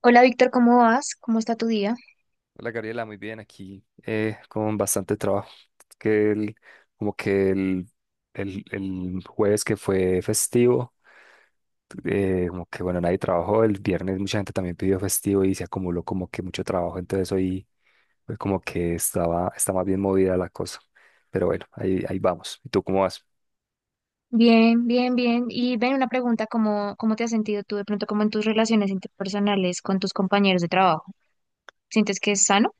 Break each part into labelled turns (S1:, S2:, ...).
S1: Hola Víctor, ¿cómo vas? ¿Cómo está tu día?
S2: Hola Gabriela, muy bien aquí, con bastante trabajo. Que el- como que El jueves que fue festivo, como que bueno, nadie trabajó, el viernes mucha gente también pidió festivo y se acumuló como que mucho trabajo, entonces hoy como que está más bien movida la cosa. Pero bueno, ahí vamos. ¿Y tú cómo vas?
S1: Bien, bien, bien. Y ven una pregunta, ¿cómo te has sentido tú de pronto como en tus relaciones interpersonales con tus compañeros de trabajo? ¿Sientes que es sano?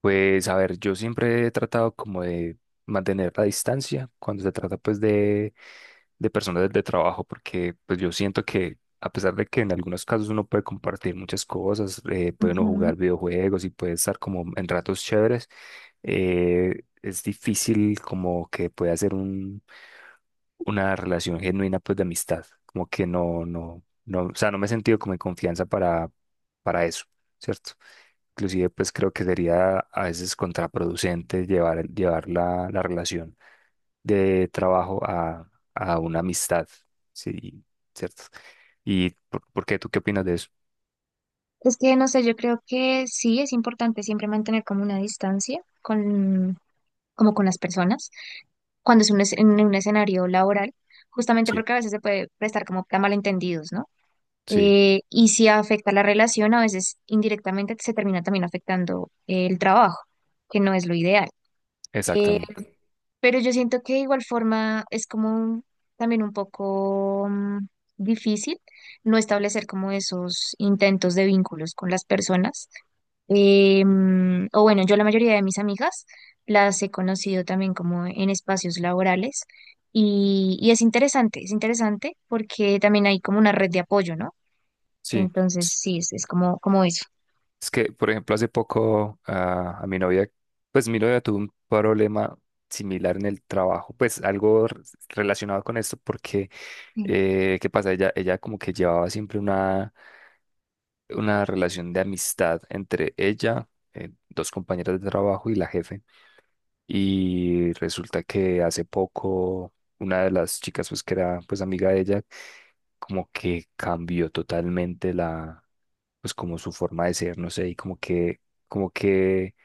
S2: Pues a ver, yo siempre he tratado como de mantener la distancia cuando se trata de personas de trabajo, porque pues yo siento que a pesar de que en algunos casos uno puede compartir muchas cosas, puede uno
S1: Ujú.
S2: jugar videojuegos y puede estar como en ratos chéveres, es difícil como que pueda hacer una relación genuina pues de amistad, como que no, no, no, o sea, no me he sentido como en confianza para eso, ¿cierto? Inclusive pues creo que sería a veces contraproducente llevar la relación de trabajo a una amistad, sí, ¿cierto? ¿Y por qué? ¿Tú qué opinas de eso?
S1: Es que no sé, yo creo que sí es importante siempre mantener como una distancia con, como con las personas cuando en un escenario laboral, justamente
S2: Sí,
S1: porque a veces se puede prestar como para malentendidos, ¿no?
S2: sí,
S1: Y si afecta la relación, a veces indirectamente se termina también afectando el trabajo, que no es lo ideal. Eh,
S2: exactamente.
S1: pero yo siento que de igual forma también un poco difícil no establecer como esos intentos de vínculos con las personas. O bueno, yo la mayoría de mis amigas las he conocido también como en espacios laborales y es interesante porque también hay como una red de apoyo, ¿no?
S2: Sí.
S1: Entonces, sí, es como, como eso.
S2: Es que, por ejemplo, hace poco a mi novia, pues mi novia tuvo un problema similar en el trabajo, pues algo relacionado con esto, porque,
S1: Sí.
S2: ¿qué pasa? Ella como que llevaba siempre una, relación de amistad entre ella, dos compañeras de trabajo y la jefe. Y resulta que hace poco una de las chicas, pues que era pues amiga de ella, como que cambió totalmente la, pues como su forma de ser, no sé, y como que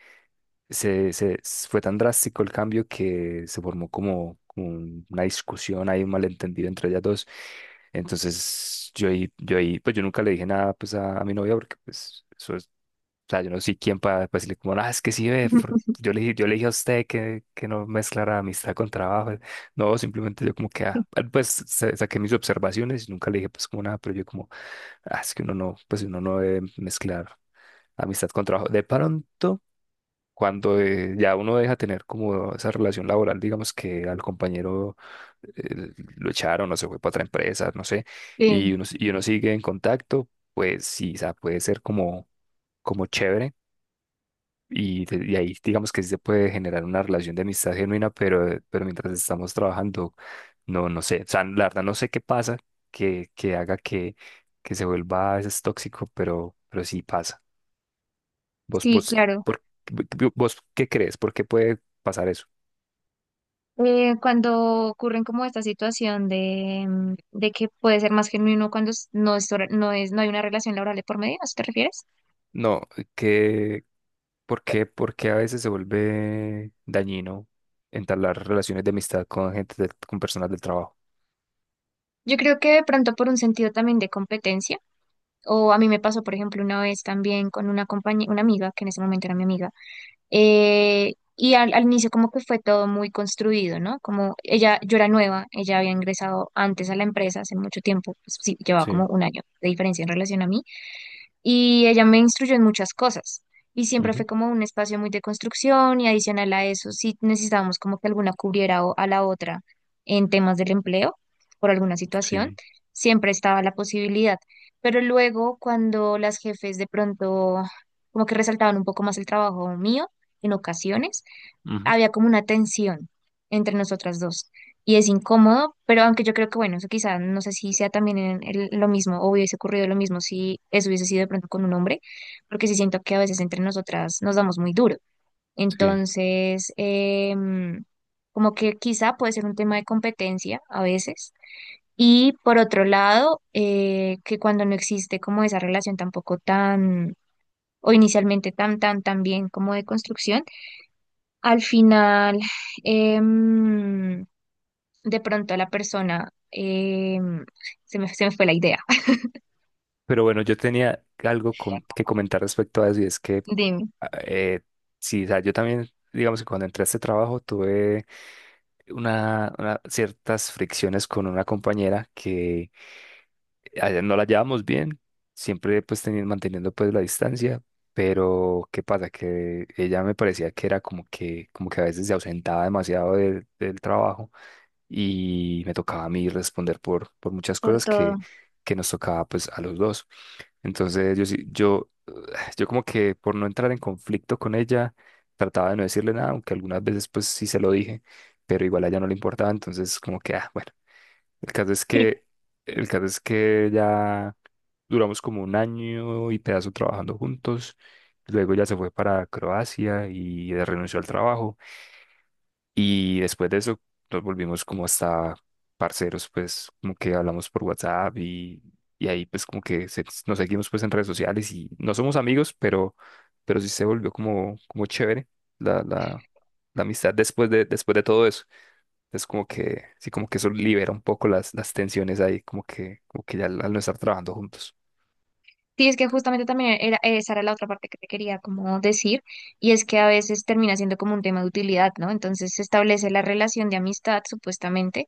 S2: fue tan drástico el cambio que se formó como, como una discusión, hay un malentendido entre ellas dos. Entonces yo ahí, pues yo nunca le dije nada pues a mi novia porque pues eso sea, yo no soy quien para después decirle como, ah, es que sí ve, yo le dije a usted que no mezclara amistad con trabajo. Eh, no, simplemente yo como que, ah, ah, pues saqué mis observaciones y nunca le dije pues como nada, pero yo como, ah, es que uno no, pues uno no debe mezclar amistad con trabajo. De pronto, cuando ya uno deja tener como esa relación laboral, digamos que al compañero lo echaron o se fue para otra empresa, no sé,
S1: Sí.
S2: y uno sigue en contacto, pues sí, o sea, puede ser como, como chévere y ahí digamos que sí se puede generar una relación de amistad genuina, pero mientras estamos trabajando, no, no sé. O sea, la verdad no sé qué pasa que haga que se vuelva a veces tóxico, pero sí pasa. ¿Vos,
S1: Sí,
S2: vos,
S1: claro.
S2: por, Vos qué crees? ¿Por qué puede pasar eso?
S1: Cuando ocurren como esta situación de, de que puede ser más genuino cuando no es, no hay una relación laboral de por medio, ¿a eso te refieres?
S2: No, que, por qué a veces se vuelve dañino entablar relaciones de amistad con gente, con personas del trabajo?
S1: Yo creo que de pronto por un sentido también de competencia, o a mí me pasó, por ejemplo, una vez también con una compañía, una amiga, que en ese momento era mi amiga. Y al inicio como que fue todo muy construido, ¿no? Como ella, yo era nueva, ella había ingresado antes a la empresa hace mucho tiempo, pues sí, llevaba como
S2: Sí,
S1: un año de diferencia en relación a mí y ella me instruyó en muchas cosas y siempre fue
S2: ujú,
S1: como un espacio muy de construcción y adicional a eso, si necesitábamos como que alguna cubriera a la otra en temas del empleo por alguna situación,
S2: sí,
S1: siempre estaba la posibilidad. Pero luego cuando las jefes de pronto como que resaltaban un poco más el trabajo mío en ocasiones,
S2: ujú,
S1: había como una tensión entre nosotras dos y es incómodo, pero aunque yo creo que, bueno, eso quizá no sé si sea también lo mismo o hubiese ocurrido lo mismo si eso hubiese sido de pronto con un hombre, porque sí siento que a veces entre nosotras nos damos muy duro.
S2: sí.
S1: Entonces, como que quizá puede ser un tema de competencia a veces. Y por otro lado, que cuando no existe como esa relación tampoco tan, o inicialmente tan bien como de construcción, al final, em, de pronto la persona, se me fue la idea.
S2: Pero bueno, yo tenía algo que comentar respecto a eso y es que,
S1: Dime.
S2: ah, sí, o sea, yo también, digamos que cuando entré a este trabajo tuve una, ciertas fricciones con una compañera que no la llevábamos bien, siempre pues manteniendo pues la distancia, pero ¿qué pasa? Que ella me parecía que era como que a veces se ausentaba demasiado del trabajo y me tocaba a mí responder por muchas
S1: Por
S2: cosas
S1: todo.
S2: que nos tocaba pues a los dos. Entonces yo, yo como que por no entrar en conflicto con ella, trataba de no decirle nada, aunque algunas veces pues sí se lo dije, pero igual a ella no le importaba, entonces como que, ah, bueno, el caso es
S1: Sí,
S2: que, el caso es que ya duramos como un año y pedazo trabajando juntos, luego ella se fue para Croacia y renunció al trabajo. Y después de eso nos volvimos como hasta parceros, pues como que hablamos por WhatsApp y ahí pues como que nos seguimos pues en redes sociales y no somos amigos, pero sí se volvió como, como chévere la, la, la amistad después después de todo eso. Es como que, sí, como que eso libera un poco las tensiones ahí, como que ya al no estar trabajando juntos.
S1: sí, es que justamente también era, esa era la otra parte que te quería como decir, y es que a veces termina siendo como un tema de utilidad, ¿no? Entonces se establece la relación de amistad, supuestamente,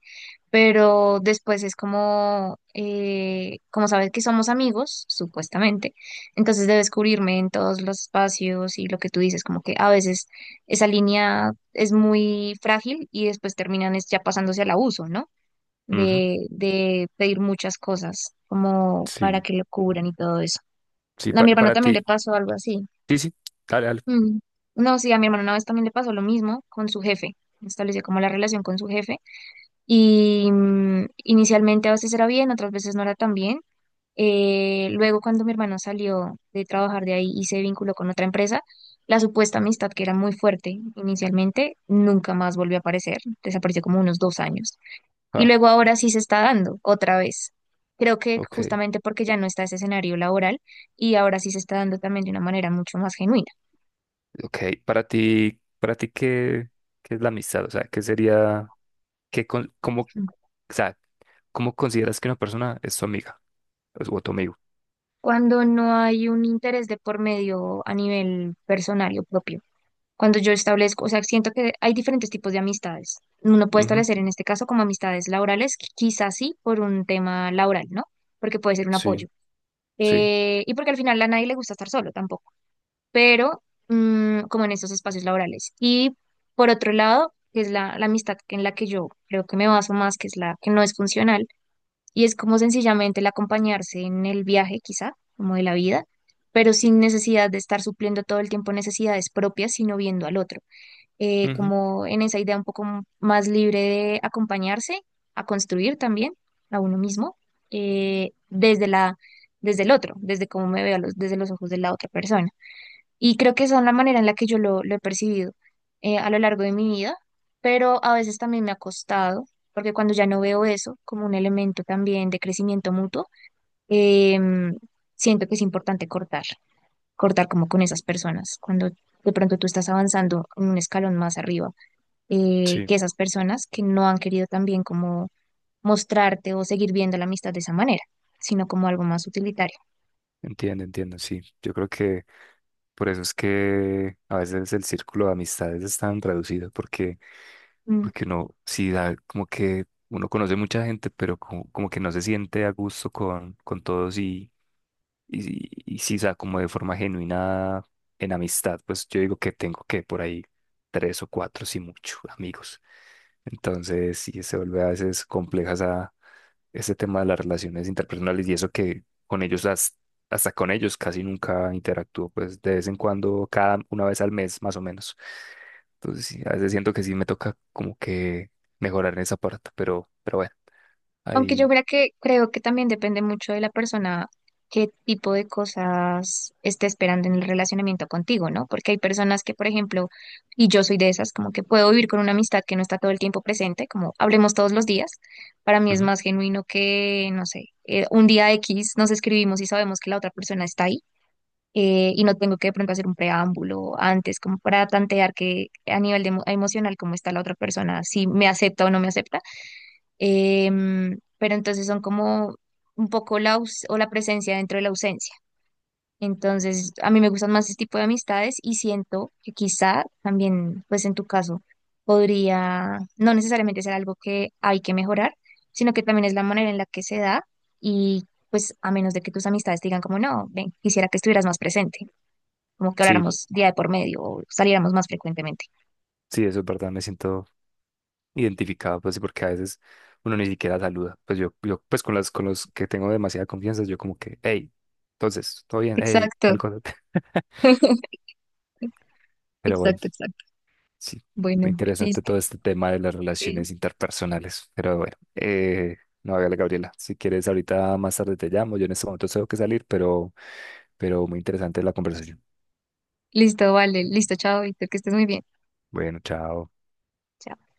S1: pero después es como, como sabes que somos amigos, supuestamente, entonces debes cubrirme en todos los espacios y lo que tú dices, como que a veces esa línea es muy frágil y después terminan es ya pasándose al abuso, ¿no?
S2: Ujú,
S1: De pedir muchas cosas como para
S2: sí,
S1: que lo cubran y todo eso.
S2: sí,
S1: A mi hermano
S2: para
S1: también le
S2: ti.
S1: pasó algo así.
S2: Sí, sí, dale, dale.
S1: Mm. No, sí, a mi hermano una vez también le pasó lo mismo con su jefe. Estableció como la relación con su jefe y inicialmente a veces era bien, otras veces no era tan bien. Luego cuando mi hermano salió de trabajar de ahí y se vinculó con otra empresa, la supuesta amistad que era muy fuerte inicialmente nunca más volvió a aparecer, desapareció como unos dos años. Y
S2: Ah,
S1: luego ahora sí se está dando otra vez. Creo que
S2: ok.
S1: justamente porque ya no está ese escenario laboral y ahora sí se está dando también de una manera mucho más genuina.
S2: Ok, para ti, qué es la amistad? O sea, ¿qué sería, qué, con- cómo, o sea, cómo consideras que una persona es tu amiga o tu amigo?
S1: Cuando no hay un interés de por medio a nivel personal o propio. Cuando yo establezco, o sea, siento que hay diferentes tipos de amistades. Uno puede
S2: Ujú,
S1: establecer en este caso como amistades laborales, quizás sí por un tema laboral, ¿no? Porque puede ser un apoyo.
S2: sí, sí,
S1: Y porque al final a nadie le gusta estar solo tampoco, pero como en estos espacios laborales. Y por otro lado, que es la amistad en la que yo creo que me baso más, que es la que no es funcional, y es como sencillamente el acompañarse en el viaje, quizá, como de la vida, pero sin necesidad de estar supliendo todo el tiempo necesidades propias, sino viendo al otro
S2: ujú,
S1: como en esa idea un poco más libre de acompañarse, a construir también a uno mismo, desde la, desde el otro, desde cómo me veo, desde los ojos de la otra persona. Y creo que esa es la manera en la que yo lo he percibido a lo largo de mi vida, pero a veces también me ha costado, porque cuando ya no veo eso como un elemento también de crecimiento mutuo, em, siento que es importante cortar, cortar como con esas personas, cuando de pronto tú estás avanzando en un escalón más arriba
S2: sí,
S1: que esas personas que no han querido también como mostrarte o seguir viendo la amistad de esa manera, sino como algo más utilitario.
S2: entiendo, entiendo, sí. Yo creo que por eso es que a veces el círculo de amistades es tan reducido, porque,
S1: Mm.
S2: porque uno sí da como que uno conoce mucha gente, pero como, como que no se siente a gusto con todos. Y, y si sea, como de forma genuina en amistad, pues yo digo que tengo que por ahí tres o cuatro, si mucho, amigos. Entonces, sí, se vuelve a veces compleja ese tema de las relaciones interpersonales y eso que con ellos, hasta con ellos casi nunca interactúo, pues de vez en cuando, cada una vez al mes más o menos. Entonces, sí, a veces siento que sí me toca como que mejorar en esa parte, pero bueno,
S1: Aunque yo
S2: ahí,
S1: creo que también depende mucho de la persona qué tipo de cosas esté esperando en el relacionamiento contigo, ¿no? Porque hay personas que, por ejemplo, y yo soy de esas, como que puedo vivir con una amistad que no está todo el tiempo presente, como hablemos todos los días. Para mí es
S2: ujú.
S1: más genuino que, no sé, un día X nos escribimos y sabemos que la otra persona está ahí y no tengo que de pronto hacer un preámbulo antes como para tantear que a nivel de emocional cómo está la otra persona, si me acepta o no me acepta. Pero entonces son como un poco la, o la presencia dentro de la ausencia. Entonces, a mí me gustan más este tipo de amistades y siento que quizá también, pues en tu caso, podría no necesariamente ser algo que hay que mejorar, sino que también es la manera en la que se da y pues a menos de que tus amistades te digan como no, ven, quisiera que estuvieras más presente como que
S2: Sí,
S1: habláramos día de por medio o saliéramos más frecuentemente.
S2: sí, eso es verdad, me siento identificado, pues, porque a veces uno ni siquiera saluda. Pues yo pues con las, con los que tengo demasiada confianza, yo como que, hey, entonces, todo bien, hey,
S1: Exacto.
S2: tal cosa. Pero bueno,
S1: Exacto, exacto.
S2: sí,
S1: Bueno,
S2: interesante
S1: listo.
S2: todo este tema de las
S1: Sí,
S2: relaciones interpersonales. Pero bueno, no, hágale, Gabriela, si quieres, ahorita más tarde te llamo. Yo en este momento tengo que salir, pero muy interesante la conversación.
S1: listo, vale. Listo, chao, Víctor, que estés muy bien.
S2: Bueno, chao.
S1: Chao.